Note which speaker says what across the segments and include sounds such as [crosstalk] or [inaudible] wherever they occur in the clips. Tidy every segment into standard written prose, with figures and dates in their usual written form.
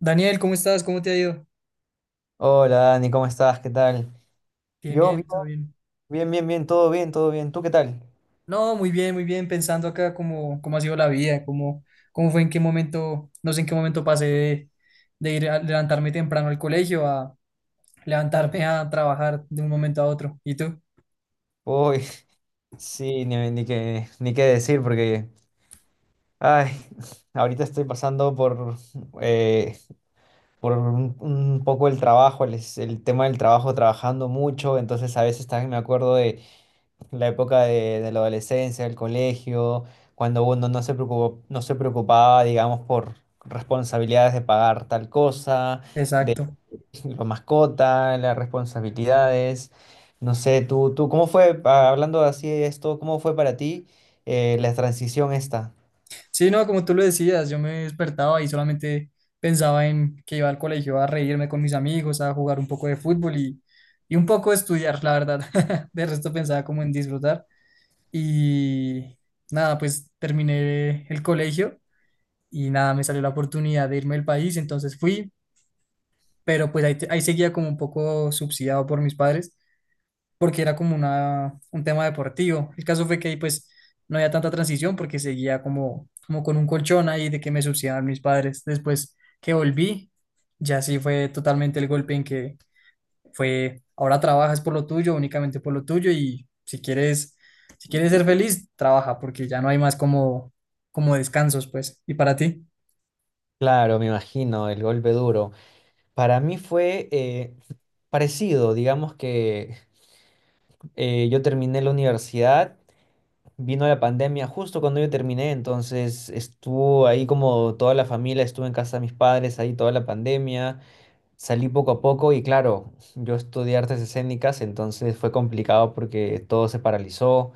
Speaker 1: Daniel, ¿cómo estás? ¿Cómo te ha ido?
Speaker 2: Hola Dani, ¿cómo estás? ¿Qué tal?
Speaker 1: Bien,
Speaker 2: Yo
Speaker 1: bien, todo
Speaker 2: vivo
Speaker 1: bien.
Speaker 2: bien, todo bien. ¿Tú qué tal?
Speaker 1: No, muy bien, pensando acá cómo ha sido la vida, cómo fue, en qué momento, no sé en qué momento pasé de ir a levantarme temprano al colegio a levantarme a trabajar de un momento a otro. ¿Y tú?
Speaker 2: Uy, [laughs] sí, ni qué decir porque, ay, [laughs] ahorita estoy pasando eh, por un poco el trabajo, el tema del trabajo, trabajando mucho, entonces a veces también me acuerdo de la época de la adolescencia, del colegio, cuando uno no se preocupaba, digamos, por responsabilidades de pagar tal cosa,
Speaker 1: Exacto.
Speaker 2: la mascota, las responsabilidades. No sé, tú, ¿cómo fue, ah, hablando así de esto, cómo fue para ti la transición esta?
Speaker 1: Sí, no, como tú lo decías, yo me despertaba y solamente pensaba en que iba al colegio a reírme con mis amigos, a jugar un poco de fútbol y un poco estudiar, la verdad. [laughs] De resto pensaba como en disfrutar. Y nada, pues terminé el colegio y nada, me salió la oportunidad de irme del país, entonces fui, pero pues ahí, ahí seguía como un poco subsidiado por mis padres, porque era como una, un tema deportivo. El caso fue que ahí pues no había tanta transición porque seguía como con un colchón ahí de que me subsidiaban mis padres. Después que volví, ya sí fue totalmente el golpe en que fue, ahora trabajas por lo tuyo, únicamente por lo tuyo y si quieres, si quieres ser feliz, trabaja porque ya no hay más como descansos, pues. ¿Y para ti?
Speaker 2: Claro, me imagino, el golpe duro. Para mí fue parecido, digamos que yo terminé la universidad, vino la pandemia justo cuando yo terminé, entonces estuvo ahí como toda la familia, estuve en casa de mis padres ahí toda la pandemia. Salí poco a poco y claro, yo estudié artes escénicas, entonces fue complicado porque todo se paralizó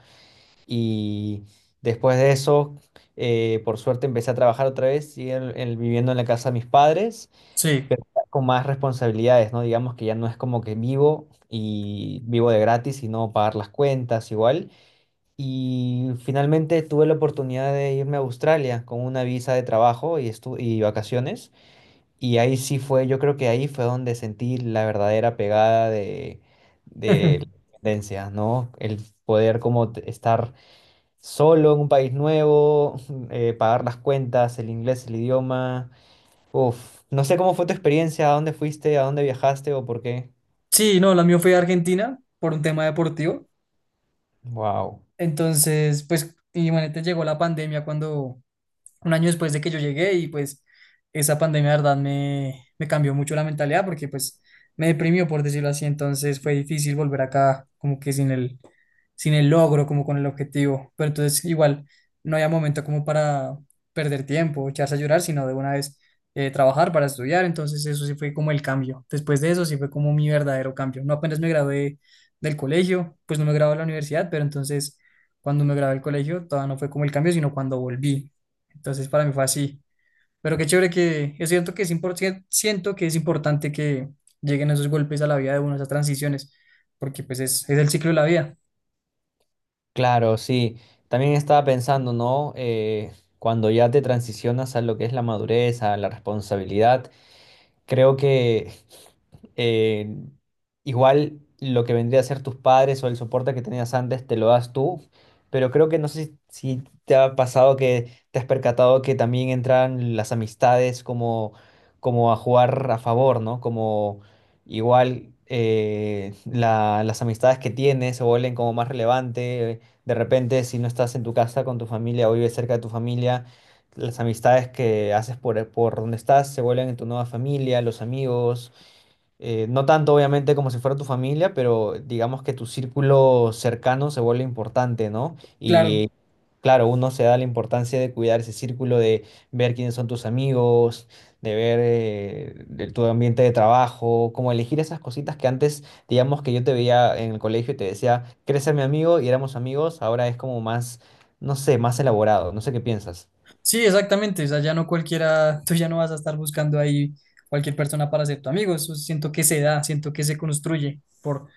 Speaker 2: y después de eso, por suerte empecé a trabajar otra vez y viviendo en la casa de mis padres,
Speaker 1: Sí.
Speaker 2: pero ya con más responsabilidades, ¿no? Digamos que ya no es como que vivo y vivo de gratis, sino pagar las cuentas igual. Y finalmente tuve la oportunidad de irme a Australia con una visa de trabajo y, y vacaciones. Y ahí sí fue, yo creo que ahí fue donde sentí la verdadera pegada de la
Speaker 1: [laughs]
Speaker 2: independencia, ¿no? El poder como estar solo en un país nuevo, [laughs] pagar las cuentas, el inglés, el idioma. Uf, no sé cómo fue tu experiencia, a dónde fuiste, a dónde viajaste o por qué.
Speaker 1: Sí, no, la mía fue a Argentina por un tema deportivo.
Speaker 2: Wow.
Speaker 1: Entonces, pues, imagínate, llegó la pandemia cuando un año después de que yo llegué y pues esa pandemia, de verdad, me cambió mucho la mentalidad porque pues me deprimió, por decirlo así, entonces fue difícil volver acá como que sin el logro, como con el objetivo, pero entonces igual no había momento como para perder tiempo, echarse a llorar, sino de una vez trabajar para estudiar, entonces eso sí fue como el cambio, después de eso sí fue como mi verdadero cambio, no apenas me gradué del colegio, pues no me gradué de la universidad, pero entonces cuando me gradué del colegio todavía no fue como el cambio, sino cuando volví. Entonces para mí fue así. Pero qué chévere que es cierto que es importante, siento que es importante que lleguen esos golpes a la vida de uno, esas transiciones, porque pues es el ciclo de la vida.
Speaker 2: Claro, sí. También estaba pensando, ¿no? Cuando ya te transicionas a lo que es la madurez, a la responsabilidad. Creo que eh, igual lo que vendría a ser tus padres o el soporte que tenías antes te lo das tú, pero creo que no sé si te ha pasado que te has percatado que también entran las amistades como, como a jugar a favor, ¿no? Como igual las amistades que tienes se vuelven como más relevante. De repente, si no estás en tu casa con tu familia o vives cerca de tu familia, las amistades que haces por donde estás se vuelven en tu nueva familia, los amigos, no tanto obviamente como si fuera tu familia, pero digamos que tu círculo cercano se vuelve importante, ¿no?
Speaker 1: Claro.
Speaker 2: Y claro, uno se da la importancia de cuidar ese círculo, de ver quiénes son tus amigos, de ver de tu ambiente de trabajo, como elegir esas cositas que antes, digamos que yo te veía en el colegio y te decía, ¿quieres ser mi amigo? Y éramos amigos, ahora es como más, no sé, más elaborado, no sé qué piensas.
Speaker 1: Sí, exactamente. O sea, ya no cualquiera, [laughs] tú ya no vas a estar buscando ahí cualquier persona para ser tu amigo. Eso siento que se da, siento que se construye por,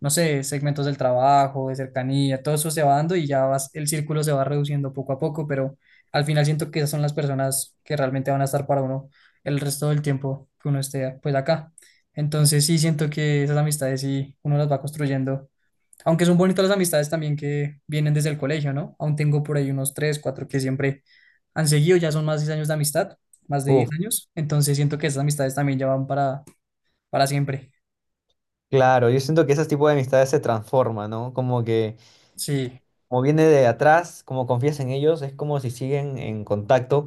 Speaker 1: no sé, segmentos del trabajo, de cercanía, todo eso se va dando y ya vas, el círculo se va reduciendo poco a poco, pero al final siento que esas son las personas que realmente van a estar para uno el resto del tiempo que uno esté pues acá. Entonces sí siento que esas amistades sí uno las va construyendo aunque son bonitas las amistades también que vienen desde el colegio, ¿no? Aún tengo por ahí unos tres, cuatro que siempre han seguido, ya son más de 10 años de amistad, más de 10 años, entonces siento que esas amistades también ya van para, siempre.
Speaker 2: Claro, yo siento que ese tipo de amistades se transforma, ¿no? Como que,
Speaker 1: Sí,
Speaker 2: como viene de atrás, como confías en ellos, es como si siguen en contacto,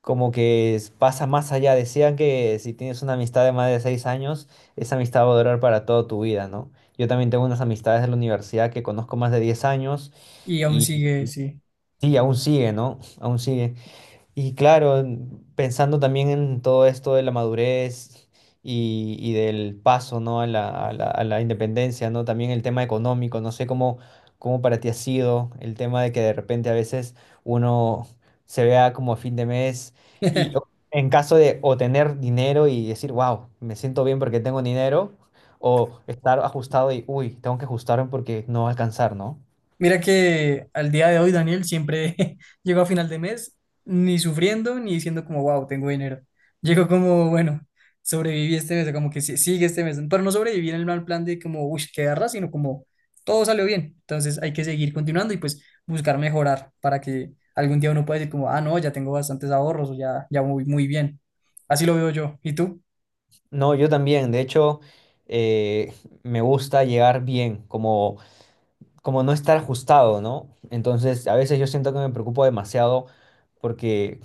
Speaker 2: como que pasa más allá. Decían que si tienes una amistad de más de 6 años, esa amistad va a durar para toda tu vida, ¿no? Yo también tengo unas amistades de la universidad que conozco más de 10 años
Speaker 1: y aún
Speaker 2: y
Speaker 1: sigue, sí.
Speaker 2: sí, aún sigue, ¿no? [laughs] Aún sigue. Y claro, pensando también en todo esto de la madurez y del paso, ¿no? a a la independencia, ¿no? También el tema económico, no sé cómo, cómo para ti ha sido el tema de que de repente a veces uno se vea como a fin de mes y
Speaker 1: [laughs]
Speaker 2: en caso de o tener dinero y decir, wow, me siento bien porque tengo dinero, o estar ajustado y, uy, tengo que ajustarme porque no va a alcanzar, ¿no?
Speaker 1: Mira que al día de hoy, Daniel, siempre [laughs] llego a final de mes ni sufriendo ni diciendo como, wow, tengo dinero. Llego como, bueno, sobreviví este mes, o como que sigue este mes. Pero no sobreviví en el mal plan de como, uy, qué garra, sino como todo salió bien. Entonces hay que seguir continuando y pues buscar mejorar para que algún día uno pueda decir como, ah, no, ya tengo bastantes ahorros o ya, ya voy muy bien. Así lo veo yo. ¿Y tú?
Speaker 2: No, yo también. De hecho, eh, me gusta llegar bien, como, como no estar ajustado, ¿no? Entonces, a veces yo siento que me preocupo demasiado porque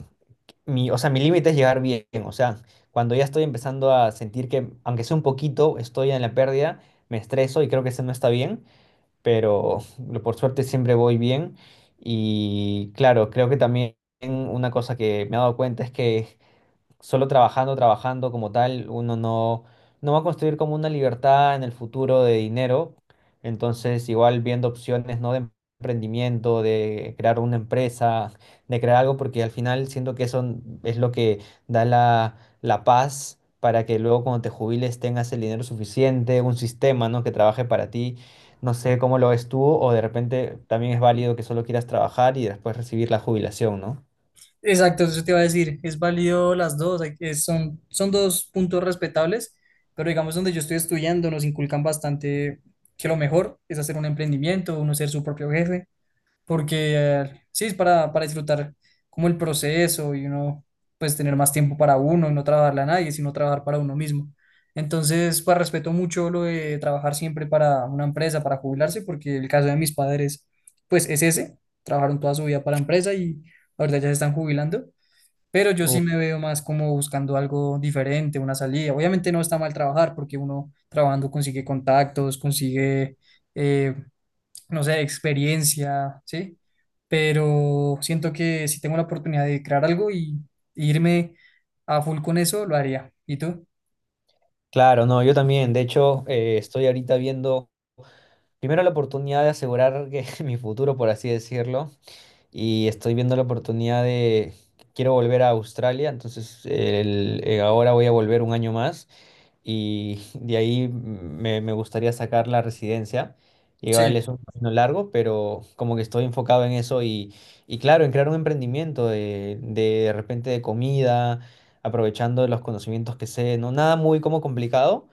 Speaker 2: mi, o sea, mi límite es llegar bien. O sea, cuando ya estoy empezando a sentir que, aunque sea un poquito, estoy en la pérdida, me estreso y creo que eso no está bien, pero por suerte siempre voy bien. Y claro, creo que también una cosa que me he dado cuenta es que solo trabajando, trabajando como tal, uno no, no va a construir como una libertad en el futuro de dinero. Entonces, igual viendo opciones, ¿no? De emprendimiento, de crear una empresa, de crear algo, porque al final siento que eso es lo que da la, la paz para que luego cuando te jubiles tengas el dinero suficiente, un sistema, ¿no? Que trabaje para ti. No sé cómo lo ves tú, o de repente también es válido que solo quieras trabajar y después recibir la jubilación, ¿no?
Speaker 1: Exacto, eso te iba a decir. Es válido las dos. Son dos puntos respetables, pero digamos donde yo estoy estudiando nos inculcan bastante que lo mejor es hacer un emprendimiento, uno ser su propio jefe porque sí, es para disfrutar como el proceso y uno, pues tener más tiempo para uno y no trabajarle a nadie, sino trabajar para uno mismo. Entonces, pues respeto mucho lo de trabajar siempre para una empresa, para jubilarse, porque el caso de mis padres, pues es ese, trabajaron toda su vida para la empresa y ahorita ya se están jubilando. Pero yo sí me veo más como buscando algo diferente, una salida. Obviamente no está mal trabajar porque uno trabajando consigue contactos, consigue eh, no sé, experiencia, ¿sí? Pero siento que si tengo la oportunidad de crear algo y irme a full con eso, lo haría. ¿Y tú?
Speaker 2: Claro, no, yo también. De hecho, estoy ahorita viendo primero la oportunidad de asegurar que [laughs] mi futuro, por así decirlo, y estoy viendo la oportunidad de quiero volver a Australia, entonces ahora voy a volver un año más y de ahí me, me gustaría sacar la residencia. Llevarle
Speaker 1: Sí.
Speaker 2: es un camino largo, pero como que estoy enfocado en eso y claro, en crear un emprendimiento de repente de comida, aprovechando los conocimientos que sé, no nada muy como complicado.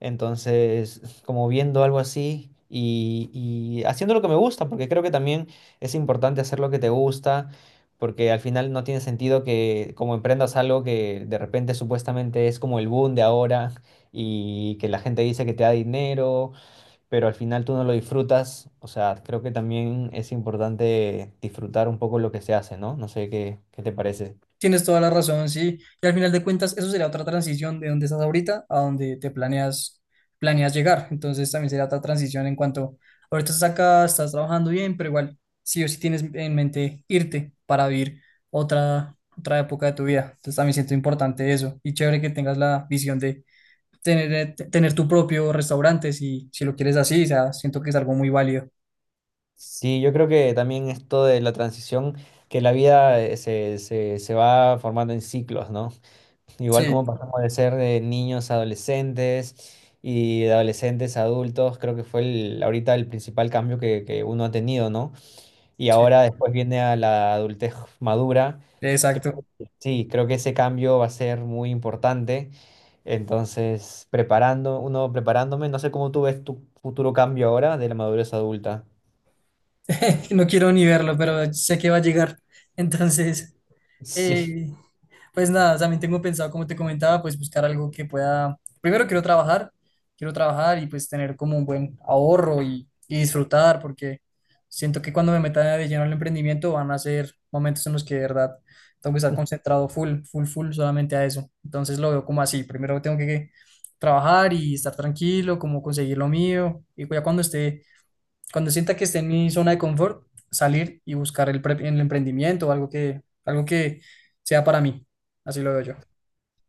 Speaker 2: Entonces, como viendo algo así y haciendo lo que me gusta, porque creo que también es importante hacer lo que te gusta, porque al final no tiene sentido que como emprendas algo que de repente supuestamente es como el boom de ahora y que la gente dice que te da dinero, pero al final tú no lo disfrutas. O sea, creo que también es importante disfrutar un poco lo que se hace, ¿no? No sé qué, qué te parece.
Speaker 1: Tienes toda la razón, sí. Y al final de cuentas, eso sería otra transición de donde estás ahorita a donde te planeas llegar. Entonces también sería otra transición en cuanto ahorita estás acá, estás trabajando bien, pero igual sí o sí tienes en mente irte para vivir otra, otra época de tu vida. Entonces también siento importante eso. Y chévere que tengas la visión de tener tu propio restaurante si, si lo quieres así, o sea, siento que es algo muy válido.
Speaker 2: Sí, yo creo que también esto de la transición, que la vida se va formando en ciclos, ¿no? [laughs] Igual como
Speaker 1: Sí,
Speaker 2: pasamos de ser de niños a adolescentes y de adolescentes a adultos, creo que fue el, ahorita el principal cambio que uno ha tenido, ¿no? Y
Speaker 1: sí,
Speaker 2: ahora después viene a la adultez madura.
Speaker 1: exacto.
Speaker 2: Sí, creo que ese cambio va a ser muy importante. Entonces, preparando, uno preparándome, no sé cómo tú ves tu futuro cambio ahora de la madurez adulta. [laughs]
Speaker 1: [laughs] No quiero ni verlo, pero sé que va a llegar. Entonces,
Speaker 2: Sí,
Speaker 1: Eh, pues nada, también tengo pensado, como te comentaba, pues buscar algo que pueda, primero quiero trabajar y pues tener como un buen ahorro y disfrutar, porque siento que cuando me meta de lleno al emprendimiento van a ser momentos en los que de verdad tengo que estar concentrado full, full, full solamente a eso. Entonces lo veo como así, primero tengo que trabajar y estar tranquilo, como conseguir lo mío, y ya cuando esté cuando sienta que esté en mi zona de confort, salir y buscar el, el emprendimiento o algo que sea para mí. Así lo veo yo.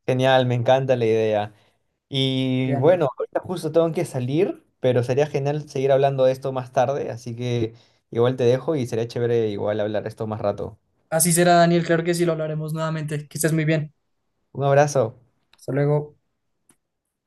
Speaker 2: genial, me encanta la idea. Y
Speaker 1: Daniel.
Speaker 2: bueno, ahorita justo tengo que salir, pero sería genial seguir hablando de esto más tarde, así que igual te dejo y sería chévere igual hablar esto más rato.
Speaker 1: Así será, Daniel. Claro que sí, lo hablaremos nuevamente. Que estés muy bien.
Speaker 2: Un abrazo.
Speaker 1: Hasta luego.